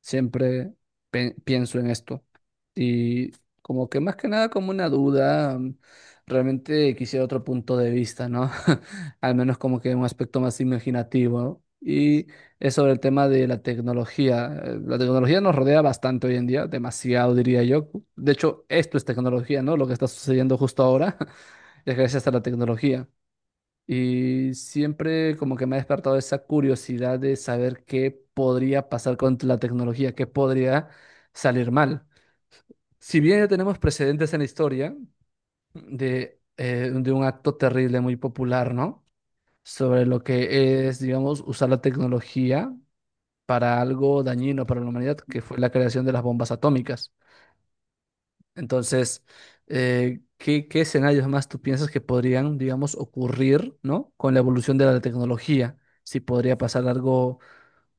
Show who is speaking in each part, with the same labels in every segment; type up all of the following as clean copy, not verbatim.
Speaker 1: Siempre pienso en esto. Y como que más que nada como una duda, realmente quisiera otro punto de vista, ¿no? Al menos como que un aspecto más imaginativo, ¿no? Y es sobre el tema de la tecnología. La tecnología nos rodea bastante hoy en día, demasiado diría yo. De hecho, esto es tecnología, ¿no? Lo que está sucediendo justo ahora es gracias a la tecnología. Y siempre como que me ha despertado esa curiosidad de saber qué podría pasar con la tecnología, qué podría salir mal. Si bien ya tenemos precedentes en la historia de un acto terrible muy popular, ¿no? Sobre lo que es, digamos, usar la tecnología para algo dañino para la humanidad, que fue la creación de las bombas atómicas. Entonces, ¿Qué escenarios más tú piensas que podrían, digamos, ocurrir?, ¿no? Con la evolución de la tecnología. Si podría pasar algo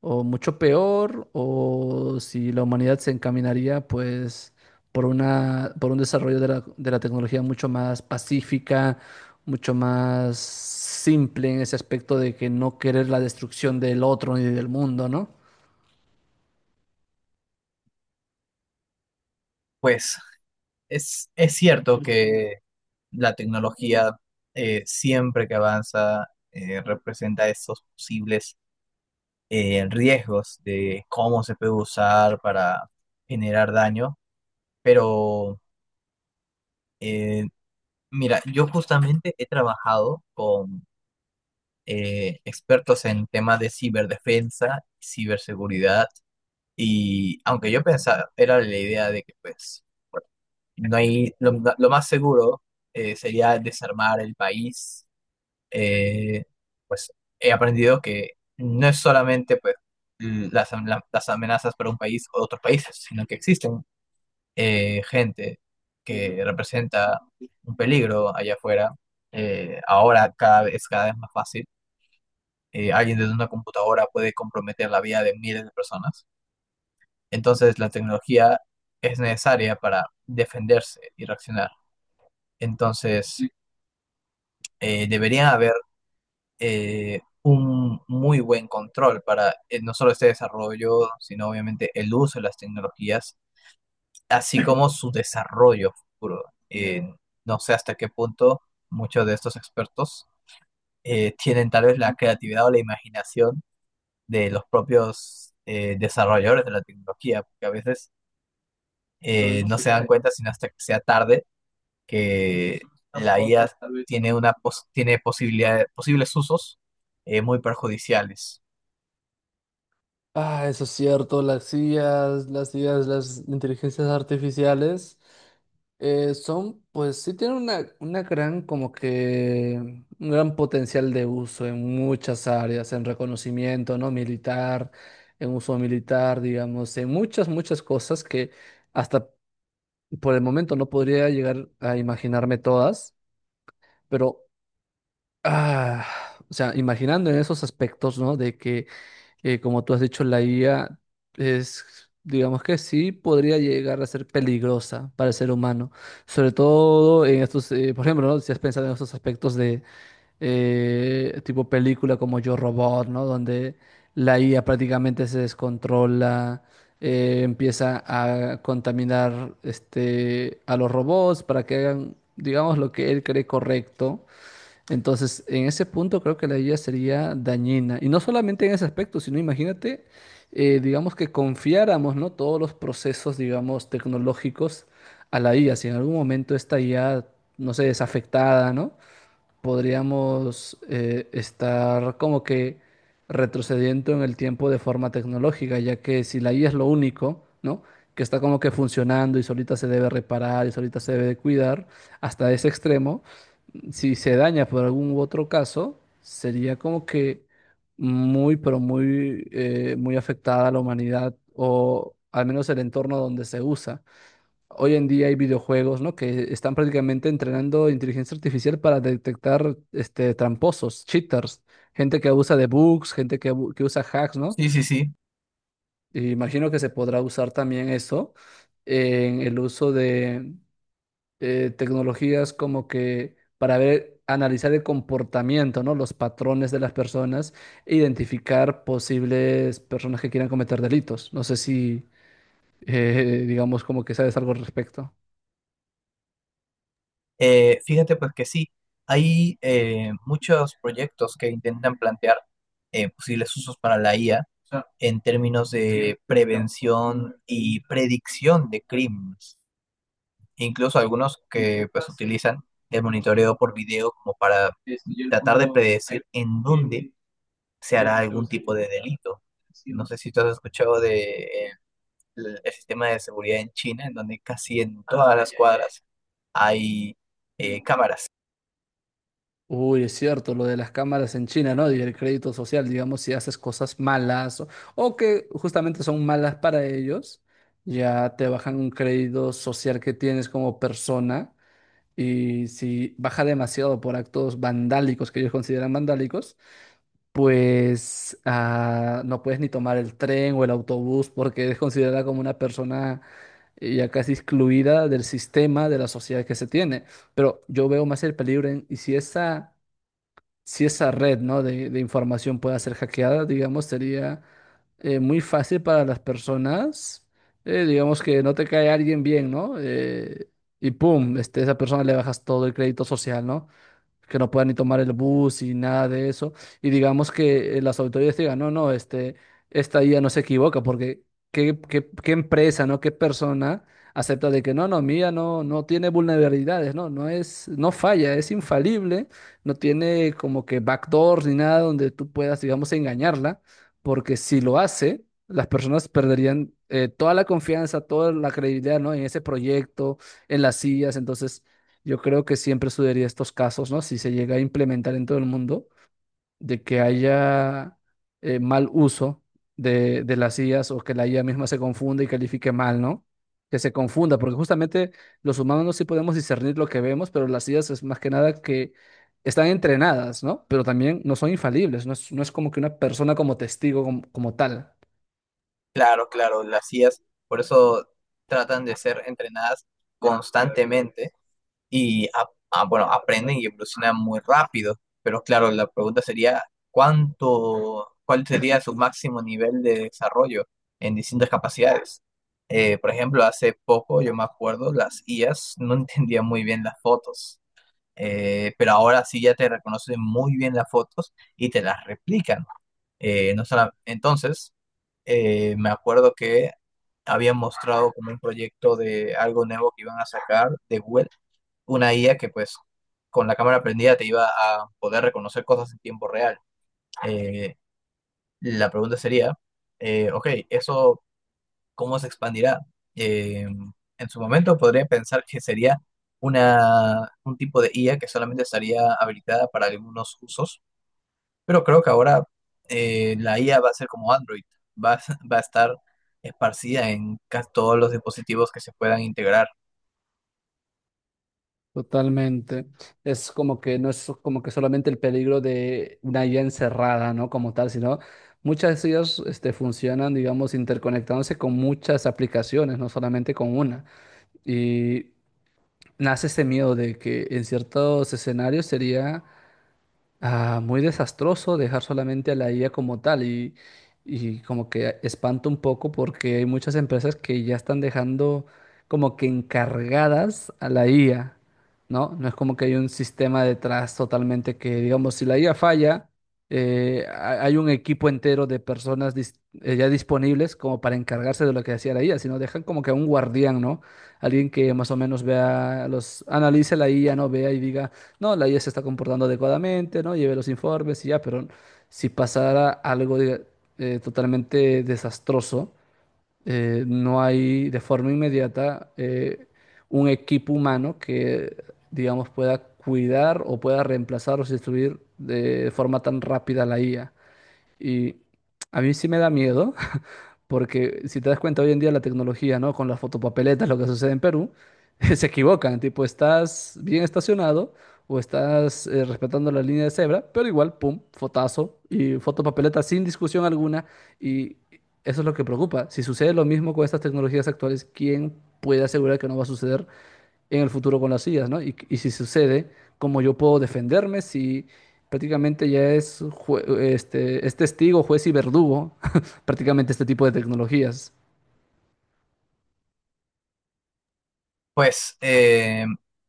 Speaker 1: o mucho peor, o si la humanidad se encaminaría, pues, por una, por un desarrollo de la tecnología mucho más pacífica, mucho más simple en ese aspecto de que no querer la destrucción del otro ni del mundo, ¿no?
Speaker 2: Pues es cierto que la tecnología siempre que avanza representa esos posibles riesgos de cómo se puede usar para generar daño, pero eh, mira, yo justamente he trabajado con expertos en temas de ciberdefensa, ciberseguridad, y aunque yo pensaba, era la idea de que pues... No hay, lo más seguro sería desarmar el país. Eh, pues he aprendido que no es solamente pues, las amenazas para un país o otros países, sino que existen gente que representa un peligro allá afuera. Ahora es cada vez más fácil. Alguien desde una computadora puede comprometer la vida de miles de personas. Entonces la tecnología es necesaria para defenderse y reaccionar. Entonces, debería haber un muy buen control para no solo este desarrollo, sino obviamente el uso de las tecnologías, así como su desarrollo futuro. Eh, no sé hasta qué punto muchos de estos expertos tienen tal vez la creatividad o la imaginación de los propios desarrolladores de la tecnología, porque a veces no se dan cuenta sino hasta que sea tarde que la IA I A tiene una pos- tiene posibilidad- posibles usos muy perjudiciales.
Speaker 1: Ah, eso es cierto, las IAs, las inteligencias artificiales son, pues sí tienen una gran, como que, un gran potencial de uso en muchas áreas, en reconocimiento, ¿no? Militar, en uso militar, digamos, en muchas, muchas cosas que hasta por el momento no podría llegar a imaginarme todas, pero, ah, o sea, imaginando en esos aspectos, ¿no? De que como tú has dicho, la IA es, digamos que sí, podría llegar a ser peligrosa para el ser humano, sobre todo en estos, por ejemplo, ¿no? Si has pensado en estos aspectos de tipo película como Yo Robot, ¿no? Donde la IA prácticamente se descontrola, empieza a contaminar este, a los robots para que hagan, digamos, lo que él cree correcto. Entonces, en ese punto creo que la IA sería dañina. Y no solamente en ese aspecto, sino imagínate, digamos que confiáramos, ¿no? Todos los procesos, digamos, tecnológicos a la IA. Si en algún momento esta IA, no sé, es afectada, ¿no? Podríamos estar como que retrocediendo en el tiempo de forma tecnológica, ya que si la IA es lo único, ¿no? Que está como que funcionando y solita se debe reparar y solita se debe de cuidar hasta ese extremo, si se daña por algún otro caso, sería como que muy, pero muy, muy afectada a la humanidad o al menos el entorno donde se usa. Hoy en día hay videojuegos, ¿no? Que están prácticamente entrenando inteligencia artificial para detectar este, tramposos, cheaters, gente que abusa de bugs, gente que usa hacks, ¿no?
Speaker 2: Sí, sí, sí.
Speaker 1: E imagino que se podrá usar también eso en el uso tecnologías como que para ver, analizar el comportamiento, ¿no? Los patrones de las personas e identificar posibles personas que quieran cometer delitos. No sé si, digamos, como que sabes algo al respecto.
Speaker 2: Fíjate pues que sí, hay muchos proyectos que intentan plantear posibles usos para la IA en términos de prevención y predicción de crímenes. Incluso algunos que pues utilizan el monitoreo por video como para tratar de predecir en dónde se hará algún tipo de delito. No sé si tú has escuchado de el sistema de seguridad en China, en donde casi en todas las cuadras hay cámaras.
Speaker 1: Uy, es cierto, lo de las cámaras en China, ¿no? Y el crédito social, digamos, si haces cosas malas o que justamente son malas para ellos, ya te bajan un crédito social que tienes como persona. Y si baja demasiado por actos vandálicos que ellos consideran vandálicos, pues no puedes ni tomar el tren o el autobús porque eres considerada como una persona ya casi excluida del sistema, de la sociedad que se tiene. Pero yo veo más el peligro en, y si esa, red, ¿no? de información pueda ser hackeada, digamos, sería muy fácil para las personas, digamos que no te cae alguien bien, ¿no? Y pum, este, esa persona le bajas todo el crédito social, ¿no? Que no puedan ni tomar el bus y nada de eso. Y digamos que las autoridades digan, no, no, este, esta IA no se equivoca, porque ¿qué empresa, ¿no? ¿Qué persona acepta de que no, no, mía no, no tiene vulnerabilidades, no, no es, no falla, es infalible, no tiene como que backdoors ni nada donde tú puedas, digamos, engañarla, porque si lo hace, las personas perderían toda la confianza, toda la credibilidad, ¿no? En ese proyecto, en las sillas, entonces yo creo que siempre sucedería estos casos, ¿no? Si se llega a implementar en todo el mundo, de que haya mal uso de las IAs o que la IA misma se confunda y califique mal, ¿no? Que se confunda, porque justamente los humanos no sí podemos discernir lo que vemos, pero las IAs es más que nada que están entrenadas, ¿no? Pero también no son infalibles, no es como que una persona como testigo, como tal.
Speaker 2: Claro, claro, las IAs, por eso tratan de ser entrenadas constantemente y bueno, aprenden y evolucionan muy rápido. Pero claro, la pregunta sería, cuál sería su máximo nivel de desarrollo en distintas capacidades? Por ejemplo, hace poco, yo me acuerdo, las IAs no entendían muy bien las fotos, pero ahora sí ya te reconocen muy bien las fotos y te las replican. No sola- entonces, me acuerdo que habían mostrado como un proyecto de algo nuevo que iban a sacar de Google, una IA que pues con la cámara prendida te iba a poder reconocer cosas en tiempo real. Eh, la pregunta sería, ok, ¿eso cómo se expandirá? Eh, en su momento podría pensar que sería un tipo de IA que solamente estaría habilitada para algunos usos, pero creo que ahora la IA va a ser como Android, va, a- va a estar esparcida en casi todos los dispositivos que se puedan integrar.
Speaker 1: Totalmente. Es como que no es como que solamente el peligro de una IA encerrada, ¿no? Como tal, sino muchas de ellas este, funcionan, digamos, interconectándose con muchas aplicaciones, no solamente con una. Y nace este miedo de que en ciertos escenarios sería muy desastroso dejar solamente a la IA como tal y como que espanto un poco porque hay muchas empresas que ya están dejando como que encargadas a la IA, ¿no? No es como que hay un sistema detrás totalmente que, digamos, si la IA falla, hay un equipo entero de personas ya disponibles como para encargarse de lo que hacía la IA, sino dejan como que a un guardián, ¿no? Alguien que más o menos vea los, analice la IA, ¿no? Vea y diga no, la IA se está comportando adecuadamente, ¿no? Lleve los informes y ya, pero si pasara algo totalmente desastroso, no hay de forma inmediata un equipo humano que, digamos, pueda cuidar o pueda reemplazar o sustituir de forma tan rápida a la IA. Y a mí sí me da miedo, porque si te das cuenta hoy en día la tecnología, ¿no? Con las fotopapeletas, lo que sucede en Perú, se equivocan, tipo, estás bien estacionado o estás respetando la línea de cebra, pero igual, pum, fotazo y fotopapeleta sin discusión alguna, y eso es lo que preocupa. Si sucede lo mismo con estas tecnologías actuales, ¿quién puede asegurar que no va a suceder en el futuro con las IAs, ¿no? Y si sucede, cómo yo puedo defenderme si prácticamente ya es, este, es testigo, juez y verdugo, prácticamente este tipo de tecnologías.
Speaker 2: Pues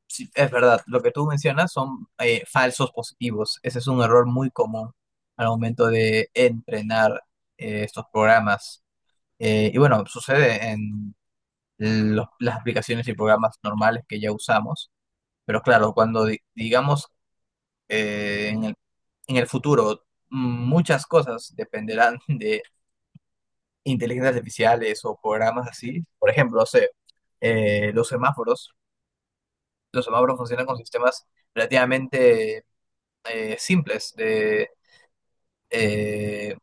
Speaker 2: sí, es verdad, lo que tú mencionas son falsos positivos. Ese es un error muy común al momento de entrenar estos programas. Y bueno, sucede en las aplicaciones y programas normales que ya usamos, pero claro, cuando digamos eh, en el, en el futuro muchas cosas dependerán de inteligencias artificiales o programas así. Por ejemplo, no sé, los semáforos. Los semáforos funcionan con sistemas relativamente simples de eh,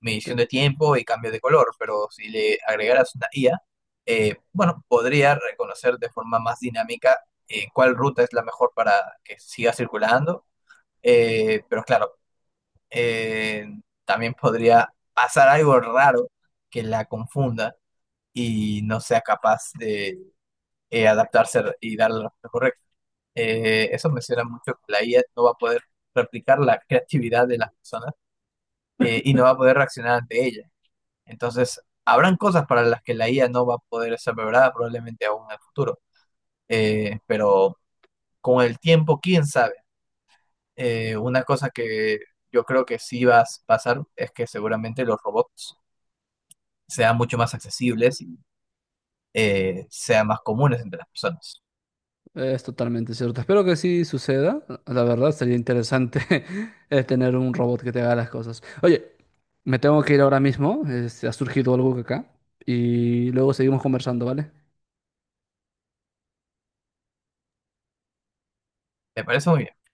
Speaker 2: medición
Speaker 1: Te-
Speaker 2: de tiempo y cambio de color, pero si le agregaras una IA, bueno, podría reconocer de forma más dinámica cuál ruta es la mejor para que siga circulando, pero claro, eh, también podría pasar algo raro que la confunda y no sea capaz de adaptarse y dar la respuesta correcta. Eso menciona mucho que la IA no va a poder replicar la creatividad de las personas y no va a poder reaccionar ante ella. Entonces, habrán cosas para las que la IA no va a poder ser preparada probablemente aún en el futuro. Pero con el tiempo, quién sabe. Una cosa que yo creo que sí va a pasar es que seguramente los robots sean mucho más accesibles y sean más comunes entre las personas.
Speaker 1: Es totalmente cierto. Espero que sí suceda. La verdad, sería interesante tener un robot que te haga las cosas. Oye, me tengo que ir ahora mismo. Este, ha surgido algo acá. Y luego seguimos conversando, ¿vale?
Speaker 2: Me parece muy bien.